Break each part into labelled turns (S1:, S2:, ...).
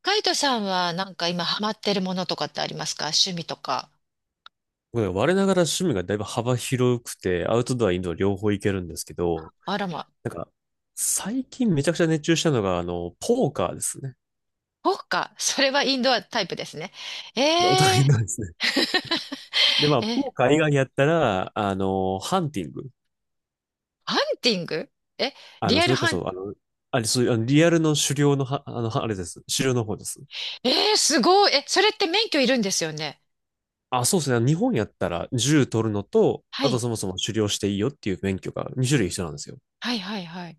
S1: カイトさんはなんか今ハマってるものとかってありますか？趣味とか。
S2: 僕ね我ながら趣味がだいぶ幅広くて、アウトドア、インドア両方いけるんですけど、
S1: あらま。
S2: なんか、最近めちゃくちゃ熱中したのが、ポーカーですね。
S1: そっか。それはインドアタイプですね。
S2: お
S1: え
S2: 互い
S1: え
S2: のですね。まあ、
S1: ー、
S2: ポ
S1: え、
S2: ーカー以外やったら、ハンティング。
S1: ハンティング。え、リア
S2: そ
S1: ル
S2: れこ
S1: ハン、
S2: そ、あの、あれ、そういう、あのリアルの狩猟のは、あれです。狩猟の方です。
S1: えー、すごい。え、それって免許いるんですよね。
S2: あ、そうですね。日本やったら、銃取るのと、
S1: は
S2: あと
S1: い。
S2: そもそも狩猟していいよっていう免許が2種類必要なんですよ。
S1: はいはいはい。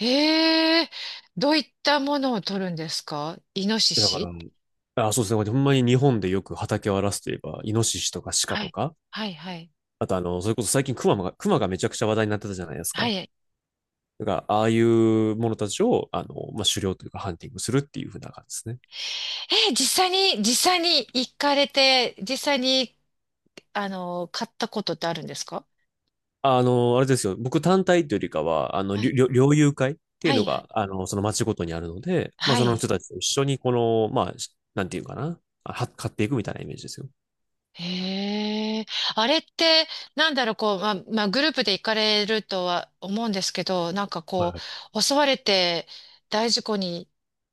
S1: ええ、どういったものを取るんですか？イノシ
S2: だから、
S1: シ。
S2: あ、そうですね。ほんまに日本でよく畑を荒らすといえば、イノシシとかシカ
S1: は
S2: と
S1: い。
S2: か、
S1: はいはい。
S2: あとそれこそ最近クマがめちゃくちゃ話題になってたじゃないです
S1: は
S2: か。
S1: い。
S2: だから、ああいうものたちを、まあ、狩猟というかハンティングするっていう風な感じですね。
S1: ー、実実際に行かれて、実際に、あの、買ったことってあるんですか？
S2: あれですよ。僕単体というよりかは、あの、
S1: は
S2: 猟
S1: い
S2: 猟猟友会っていう
S1: は
S2: の
S1: い、
S2: が、その町ごとにあるので、まあ、
S1: は
S2: その人
S1: い。
S2: たちと一緒に、まあ、なんていうかな、買っていくみたいなイメージですよ。
S1: へえ。あれって、なんだろう、こう、まあ、グループで行かれるとは思うんですけど、なんか
S2: はい
S1: こ
S2: はい。
S1: う、襲われて大事故に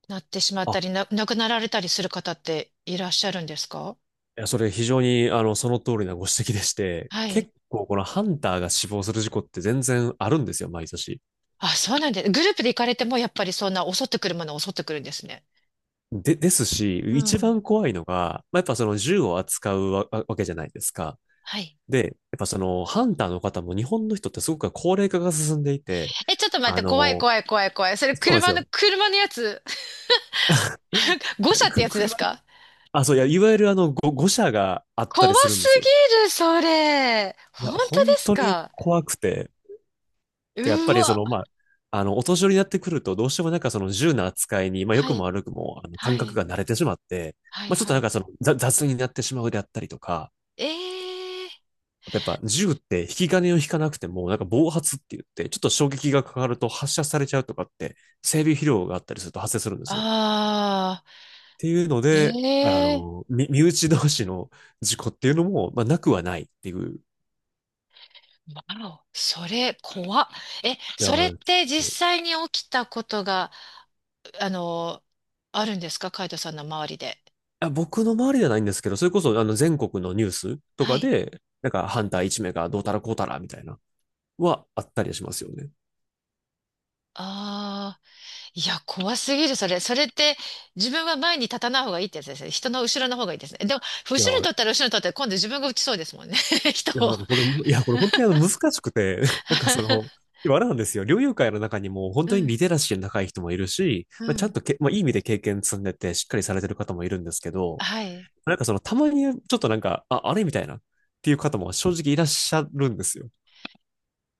S1: なってしまっ
S2: あ、
S1: たり、亡くなられたりする方っていらっしゃるんですか？
S2: いや、それ非常に、その通りなご指摘でして、
S1: はい。
S2: 結構このハンターが死亡する事故って全然あるんですよ、毎年。
S1: あ、そうなんです。グループで行かれても、やっぱりそんな襲ってくるものは襲ってくるんですね。
S2: ですし、
S1: う
S2: 一
S1: ん。
S2: 番怖いのが、まあ、やっぱその銃を扱うわけじゃないですか。
S1: はい。
S2: やっぱそのハンターの方も日本の人ってすごく高齢化が進んでいて、
S1: え、ちょっと待っ
S2: あ
S1: て、怖い
S2: の、
S1: 怖い怖い怖い。それ
S2: そうなんです
S1: 車の、
S2: よ。
S1: 車のやつ、誤車って
S2: く、
S1: やつです
S2: 車、
S1: か？
S2: あ、そう、いや、いわゆる誤射があった
S1: 怖
S2: りするん
S1: す
S2: ですよ。
S1: ぎる、それ。
S2: い
S1: 本
S2: や、
S1: 当
S2: 本
S1: です
S2: 当に
S1: か？
S2: 怖くて、でやっぱ
S1: う
S2: りそ
S1: わ。
S2: の、まあ、あの、お年寄りになってくると、どうしてもなんかその銃の扱いに、まあ、良
S1: は
S2: くも
S1: い、
S2: 悪くも、
S1: は
S2: 感覚
S1: い、
S2: が慣れてしまって、
S1: はい、
S2: まあ、ちょっと
S1: は
S2: なん
S1: い。
S2: かその、雑になってしまうであったりとか、
S1: ええ、
S2: やっぱ銃って引き金を引かなくても、なんか暴発って言って、ちょっと衝撃がかかると発射されちゃうとかって、整備疲労があったりすると発生するんですよ。っ
S1: ああ
S2: ていうので、あ
S1: ー、ええ、
S2: の、身身内同士の事故っていうのも、まあ、なくはないっていう。い
S1: わお、それ、怖っ。え、
S2: や
S1: それっ
S2: ー、
S1: て実際に起きたことが、あの、あるんですか、カイトさんの周りで。
S2: 僕の周りではないんですけど、それこそあの全国のニュースと
S1: は
S2: か
S1: い。
S2: で、なんかハンター1名がどうたらこうたらみたいな、はあったりしますよね。
S1: ああ、いや、怖すぎる、それ。それって、自分は前に立たない方がいいってやつですね。人の後ろの方がいいですね。でも、後ろ
S2: いや
S1: に
S2: ー、
S1: 立ったら後ろに立ったら、今度自分が打ちそうですもんね。人
S2: いや、
S1: を。
S2: なんかこれ、いや、これ本当にあの難しくて、なんかその、でもあれなんですよ。猟友会の中にも本
S1: う
S2: 当に
S1: ん、
S2: リテラシーの高い人もいるし、
S1: う
S2: まあ、ちゃん
S1: ん、
S2: とけ、まあ、いい意味で経験積んでてしっかりされてる方もいるんですけど、
S1: はい。
S2: なんかそのたまにちょっとなんかあれみたいなっていう方も正直いらっしゃるんですよ。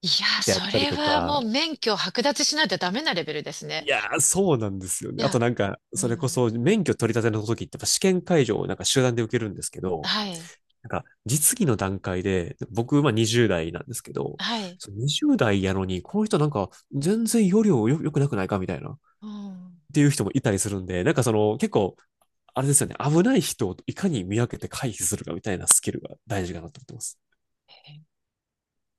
S1: いや、
S2: やっ
S1: そ
S2: たり
S1: れ
S2: と
S1: はもう
S2: か。
S1: 免許を剥奪しないとダメなレベルですね。
S2: いやー、そうなんですよ
S1: い
S2: ね。あと
S1: や、
S2: なんか、
S1: う
S2: それこ
S1: ん、
S2: そ免許取り立ての時ってやっぱ試験会場をなんか集団で受けるんですけど、
S1: はい、
S2: なんか、実技の段階で、僕、まあ20代なんですけど、
S1: はい、
S2: その20代やのに、この人なんか、全然要領良くなくないかみたいな、っ
S1: うん。
S2: ていう人もいたりするんで、あれですよね、危ない人をいかに見分けて回避するかみたいなスキルが大事かなと思ってます。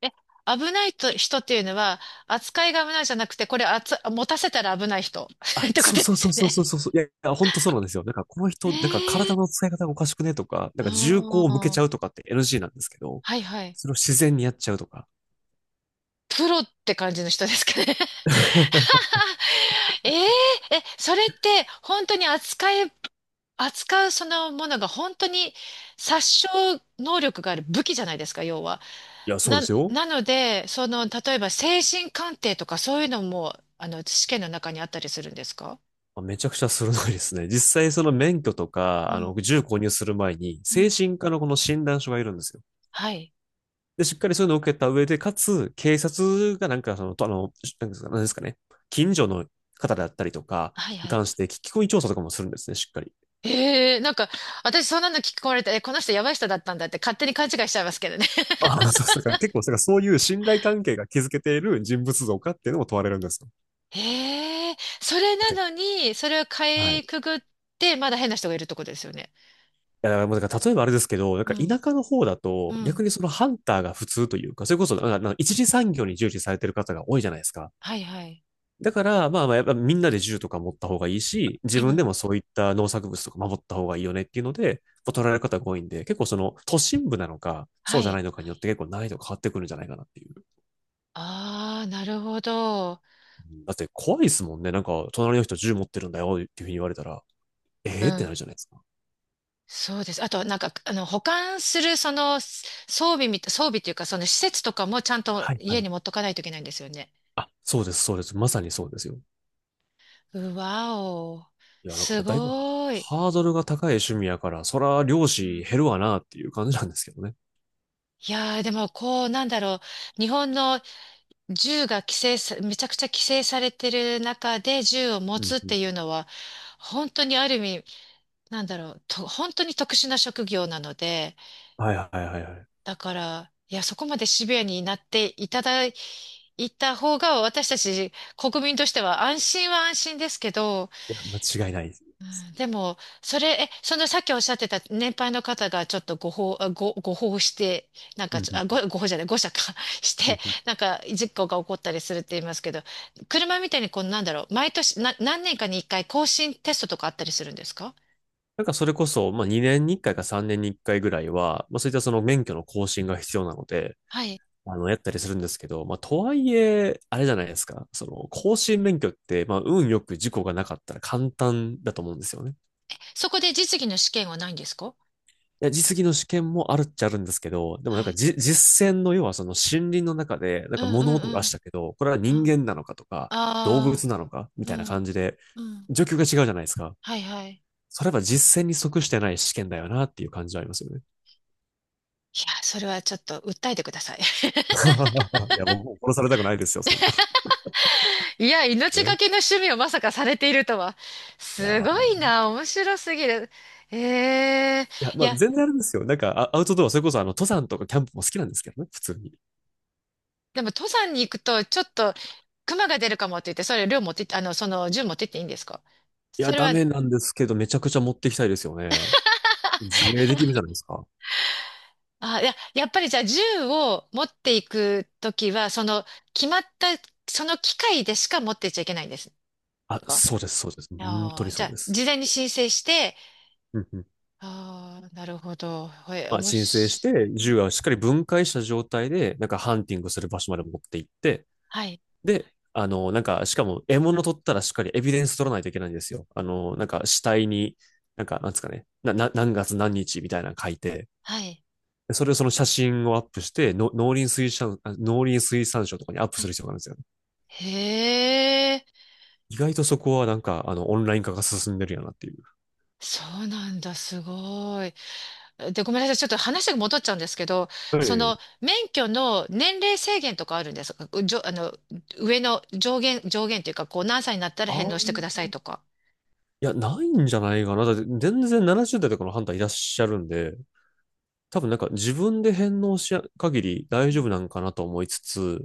S1: え、危ないと人っていうのは、扱いが危ないじゃなくて、これあつ、持たせたら危ない人
S2: あ、
S1: ってこ
S2: そう
S1: と
S2: そ
S1: で
S2: う
S1: す
S2: そ
S1: よ
S2: うそう
S1: ね。
S2: そうそうそう。いや、いや、本当そうなんですよ。なんかこの
S1: え
S2: 人、なんか
S1: え
S2: 体
S1: ー、
S2: の使い方がおかしくねとか、なん
S1: あ
S2: か銃口を向け
S1: ー、
S2: ちゃうとかって NG なんですけど、
S1: はいはい。
S2: それを自然にやっちゃうとか。
S1: プロって感じの人ですかね。えええ、それって本当に扱うそのものが本当に殺傷能力がある武器じゃないですか、要は。
S2: いや、そうで
S1: な、
S2: すよ。
S1: なので、その、例えば精神鑑定とかそういうのも、あの、試験の中にあったりするんですか？
S2: あめちゃくちゃ鋭いですね。実際その免許と
S1: う
S2: か、
S1: ん、
S2: 銃購入する前に、
S1: う
S2: 精
S1: ん。
S2: 神科のこの診断書がいるんですよ。
S1: はい。
S2: で、しっかりそういうのを受けた上で、かつ、警察がなんかその、とあの、なんですか、なんですかね、近所の方だったりとか
S1: はい
S2: に
S1: はい。
S2: 関して聞き込み調査とかもするんですね、しっかり。
S1: ええ、なんか、私そんなの聞こえられて、え、この人やばい人だったんだって勝手に勘違いしちゃいますけどね。
S2: ああ、そうそう、だから結構、だからそういう信頼関係が築けている人物像かっていうのも問われるんですよ。
S1: へえ、それ
S2: だって。
S1: なのに、それをか
S2: はい。
S1: い
S2: い
S1: くぐって、まだ変な人がいるところですよね。
S2: や、だからもうだから例えばあれですけど、なん
S1: う
S2: か田
S1: ん、
S2: 舎の方だ
S1: う
S2: と、
S1: ん、
S2: 逆にそのハンターが普通というか、それこそ、なんか一次産業に従事されてる方が多いじゃないですか。
S1: はいはい。
S2: だから、まあまあ、やっぱみんなで銃とか持った方がいいし、
S1: う
S2: 自分で
S1: ん、
S2: もそういった農作物とか守った方がいいよねっていうので、こう取られる方が多いんで、結構その都心部なのか、そ
S1: は
S2: うじゃ
S1: い。
S2: ないのかによって結構難易度変わってくるんじゃないかなっていう。
S1: ああ、なるほど。
S2: うんだって怖いですもんね。なんか、隣の人銃持ってるんだよっていうふうに言われたら、え
S1: う
S2: えーってな
S1: ん、
S2: るじゃないですか。
S1: そうです。あと、なんか、あの、保管する、その、す装備みた、装備っていうか、その施設とかもちゃんと
S2: はいは
S1: 家
S2: い。
S1: に持っとかないといけないんですよね。
S2: あ、そうです、そうです。まさにそうですよ。
S1: うわお、
S2: いや、だか
S1: す
S2: らだいぶ
S1: ごい。
S2: ハードルが高い趣味やから、そら漁
S1: う
S2: 師
S1: ん。
S2: 減るわなっていう感じなんですけどね。
S1: いやー、でも、こう、なんだろう。日本の銃が規制さ、めちゃくちゃ規制されてる中で銃を持
S2: う
S1: つ
S2: ん
S1: っ
S2: う
S1: て
S2: ん。
S1: いうのは、本当にある意味、なんだろう、本当に特殊な職業なので、
S2: はいはいはいはい。
S1: だから、いや、そこまでシビアになっていただいた方が、私たち国民としては安心は安心ですけど、
S2: いや、間違いないです。
S1: でも、それ、え、そのさっきおっしゃってた年配の方がちょっとご法して、なんか
S2: うん
S1: ち
S2: う
S1: ょ、あ、
S2: ん。
S1: ご、ご法じゃない、誤射か し
S2: う
S1: て、
S2: んうん、
S1: なんか事故が起こったりするって言いますけど、車みたいにこう、なんだろう、毎年、何年かに一回更新テストとかあったりするんですか？
S2: なんかそれこそ、まあ2年に1回か3年に1回ぐらいは、まあそういったその免許の更新が必要なので、
S1: はい。
S2: やったりするんですけど、まあとはいえ、あれじゃないですか。その、更新免許って、まあ運よく事故がなかったら簡単だと思うんですよね。
S1: そこで実技の試験はないんですか？
S2: いや、実技の試験もあるっちゃあるんですけど、でもなん
S1: は
S2: か
S1: い。
S2: 実践の要はその森林の中で、なん
S1: うん
S2: か
S1: う
S2: 物
S1: ん
S2: 音
S1: う
S2: がし
S1: ん。
S2: たけど、これは人間なのかとか、動
S1: ああ
S2: 物なのかみ
S1: ー、
S2: たい
S1: う
S2: な感
S1: ん。
S2: じで、
S1: うん。
S2: 状況が違うじゃないですか。
S1: はいはい。
S2: それは実践に即してない試験だよなっていう感じはありますよね。
S1: いや、それはちょっと訴えてください。
S2: いや、僕も殺されたくないですよ、そんな。
S1: いや、命が
S2: ね。
S1: けの趣味をまさかされているとは。
S2: い
S1: す
S2: や
S1: ごい
S2: ー、い
S1: な、面白すぎる。ええ、い
S2: まあ、
S1: や、
S2: 全然あれですよ。アウトドア、それこそ、登山とかキャンプも好きなんですけどね、普通に。い
S1: でも登山に行くと、ちょっと、熊が出るかもって言って、それ量持ってって、あの、その銃持ってっていいんですか？そ
S2: や、
S1: れ
S2: ダ
S1: は、
S2: メなんですけど、めちゃくちゃ持ってきたいですよね。自衛できるじゃないですか。
S1: あ、いや、やっぱりじゃあ銃を持っていくときは、その、決まった、その機械でしか持ってっちゃいけないんです
S2: あ、
S1: か？
S2: そうです、そうです。本当
S1: あ
S2: に
S1: あ、じ
S2: そ
S1: ゃ
S2: う
S1: あ、
S2: です。
S1: 事前に申請して、
S2: うんうん。
S1: ああ、なるほど。え、
S2: ま
S1: お
S2: あ、
S1: も
S2: 申請し
S1: し、
S2: て、
S1: う
S2: 銃
S1: ん、
S2: がしっかり分解した状態で、なんか、ハンティングする場所まで持って行って、
S1: はい、
S2: で、あの、なんか、しかも、獲物取ったらしっかりエビデンス取らないといけないんですよ。なんか、死体に、なんか、なんですかね、何月何日みたいなの書いて、
S1: はい、
S2: それをその写真をアップして、の農林水産、あ農林水産省とかにアップ
S1: は
S2: する
S1: い。
S2: 必要があるんですよね。
S1: へえ、
S2: 意外とそこはなんか、オンライン化が進んでるやなっていう。
S1: そうなんだ、すごい。で、ごめんなさい、ちょっと話が戻っちゃうんですけど、
S2: は
S1: そ
S2: い。
S1: の免許の年齢制限とかあるんですか？うじょ、あの、上限というか、こう何歳になったら
S2: あ
S1: 返
S2: あ。
S1: 納してくださいとか。
S2: いや、ないんじゃないかな。だって、全然70代とかのハンターいらっしゃるんで、多分なんか自分で返納しや限り大丈夫なんかなと思いつつ、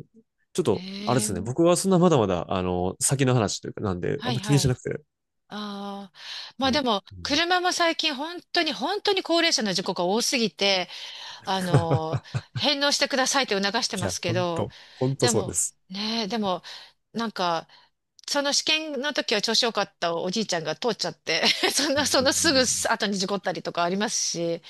S2: ちょっと、あれ
S1: へ
S2: ですね、
S1: え、
S2: 僕はそんなまだまだ、先の話というか、なんで、あ
S1: は
S2: ん
S1: い
S2: ま気に
S1: は
S2: し
S1: い。
S2: なくて、
S1: ああ、まあで
S2: も
S1: も、
S2: う。うん。
S1: 車も最近本当に本当に高齢者の事故が多すぎて、あの、返納してくださいって促して
S2: い
S1: ま
S2: や、
S1: すけ
S2: ほん
S1: ど、
S2: と、ほんと
S1: で
S2: そうで
S1: も、
S2: す。
S1: ねえ、でも、なんか、その試験の時は調子良かったおじいちゃんが通っちゃって そん
S2: うんう
S1: な、そのすぐ
S2: ん
S1: 後に事故ったりとかありますし、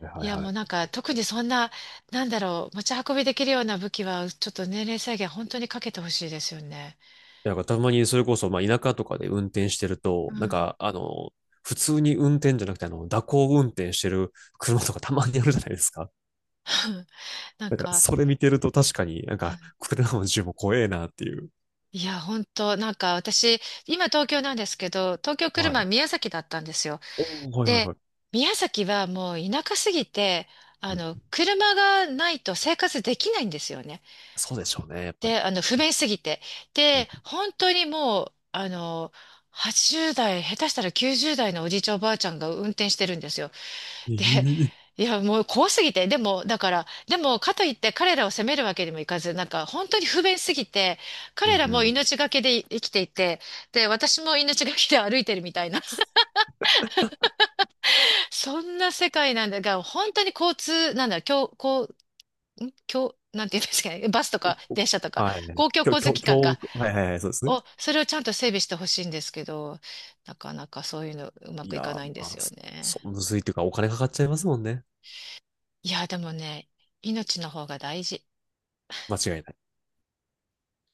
S2: うん、は
S1: い
S2: いはい
S1: や
S2: は
S1: もう
S2: い、
S1: なんか特にそんな、なんだろう、持ち運びできるような武器はちょっと年齢制限本当にかけてほしいですよね。
S2: なんかたまにそれこそ、まあ、田舎とかで運転してる
S1: う
S2: と、
S1: ん。
S2: 普通に運転じゃなくて、蛇行運転してる車とかたまにあるじゃないですか。
S1: なん
S2: なんか、
S1: か、
S2: それ見てると確かになん
S1: う
S2: か、
S1: ん、
S2: 車の銃も怖えなっていう。
S1: いや、本当なんか私、今東京なんですけど、東京来る
S2: は
S1: 前
S2: い。
S1: 宮崎だったんですよ。
S2: おー、はいはい
S1: で、
S2: はい。
S1: 宮崎はもう田舎すぎて、あ
S2: うん、
S1: の、車がないと生活できないんですよね。
S2: そうでしょうね、やっぱり。
S1: で、あの、不便すぎて。
S2: うん。
S1: で、本当にもう、あの、80代、下手したら90代のおじいちゃんおばあちゃんが運転してるんですよ。
S2: え
S1: で、
S2: え、
S1: いや、もう怖すぎて、でも、だから、でも、かといって彼らを責めるわけにもいかず、なんか、本当に不便すぎて、
S2: う
S1: 彼
S2: ん
S1: ら
S2: う
S1: も
S2: ん。
S1: 命がけで生きていて、で、私も命がけで歩いてるみたいな、そんな世界なんだが、本当に交通、なんだ、今日、なんて言うんですかね、バスと
S2: こ
S1: か
S2: こ
S1: 電
S2: こ、
S1: 車とか、
S2: はい。今
S1: 公共交通
S2: 日、
S1: 機関か、
S2: 今、はいはいはい、そうですね。
S1: お、それをちゃんと整備してほしいんですけど、なかなかそういうのうま
S2: い
S1: くい
S2: や
S1: か
S2: ー、
S1: ないんで
S2: ま
S1: す
S2: あ、
S1: よ
S2: そ、
S1: ね。
S2: そむずいというか、お金かかっちゃいますもんね。
S1: いや、でもね、命の方が大事。
S2: 間違いない。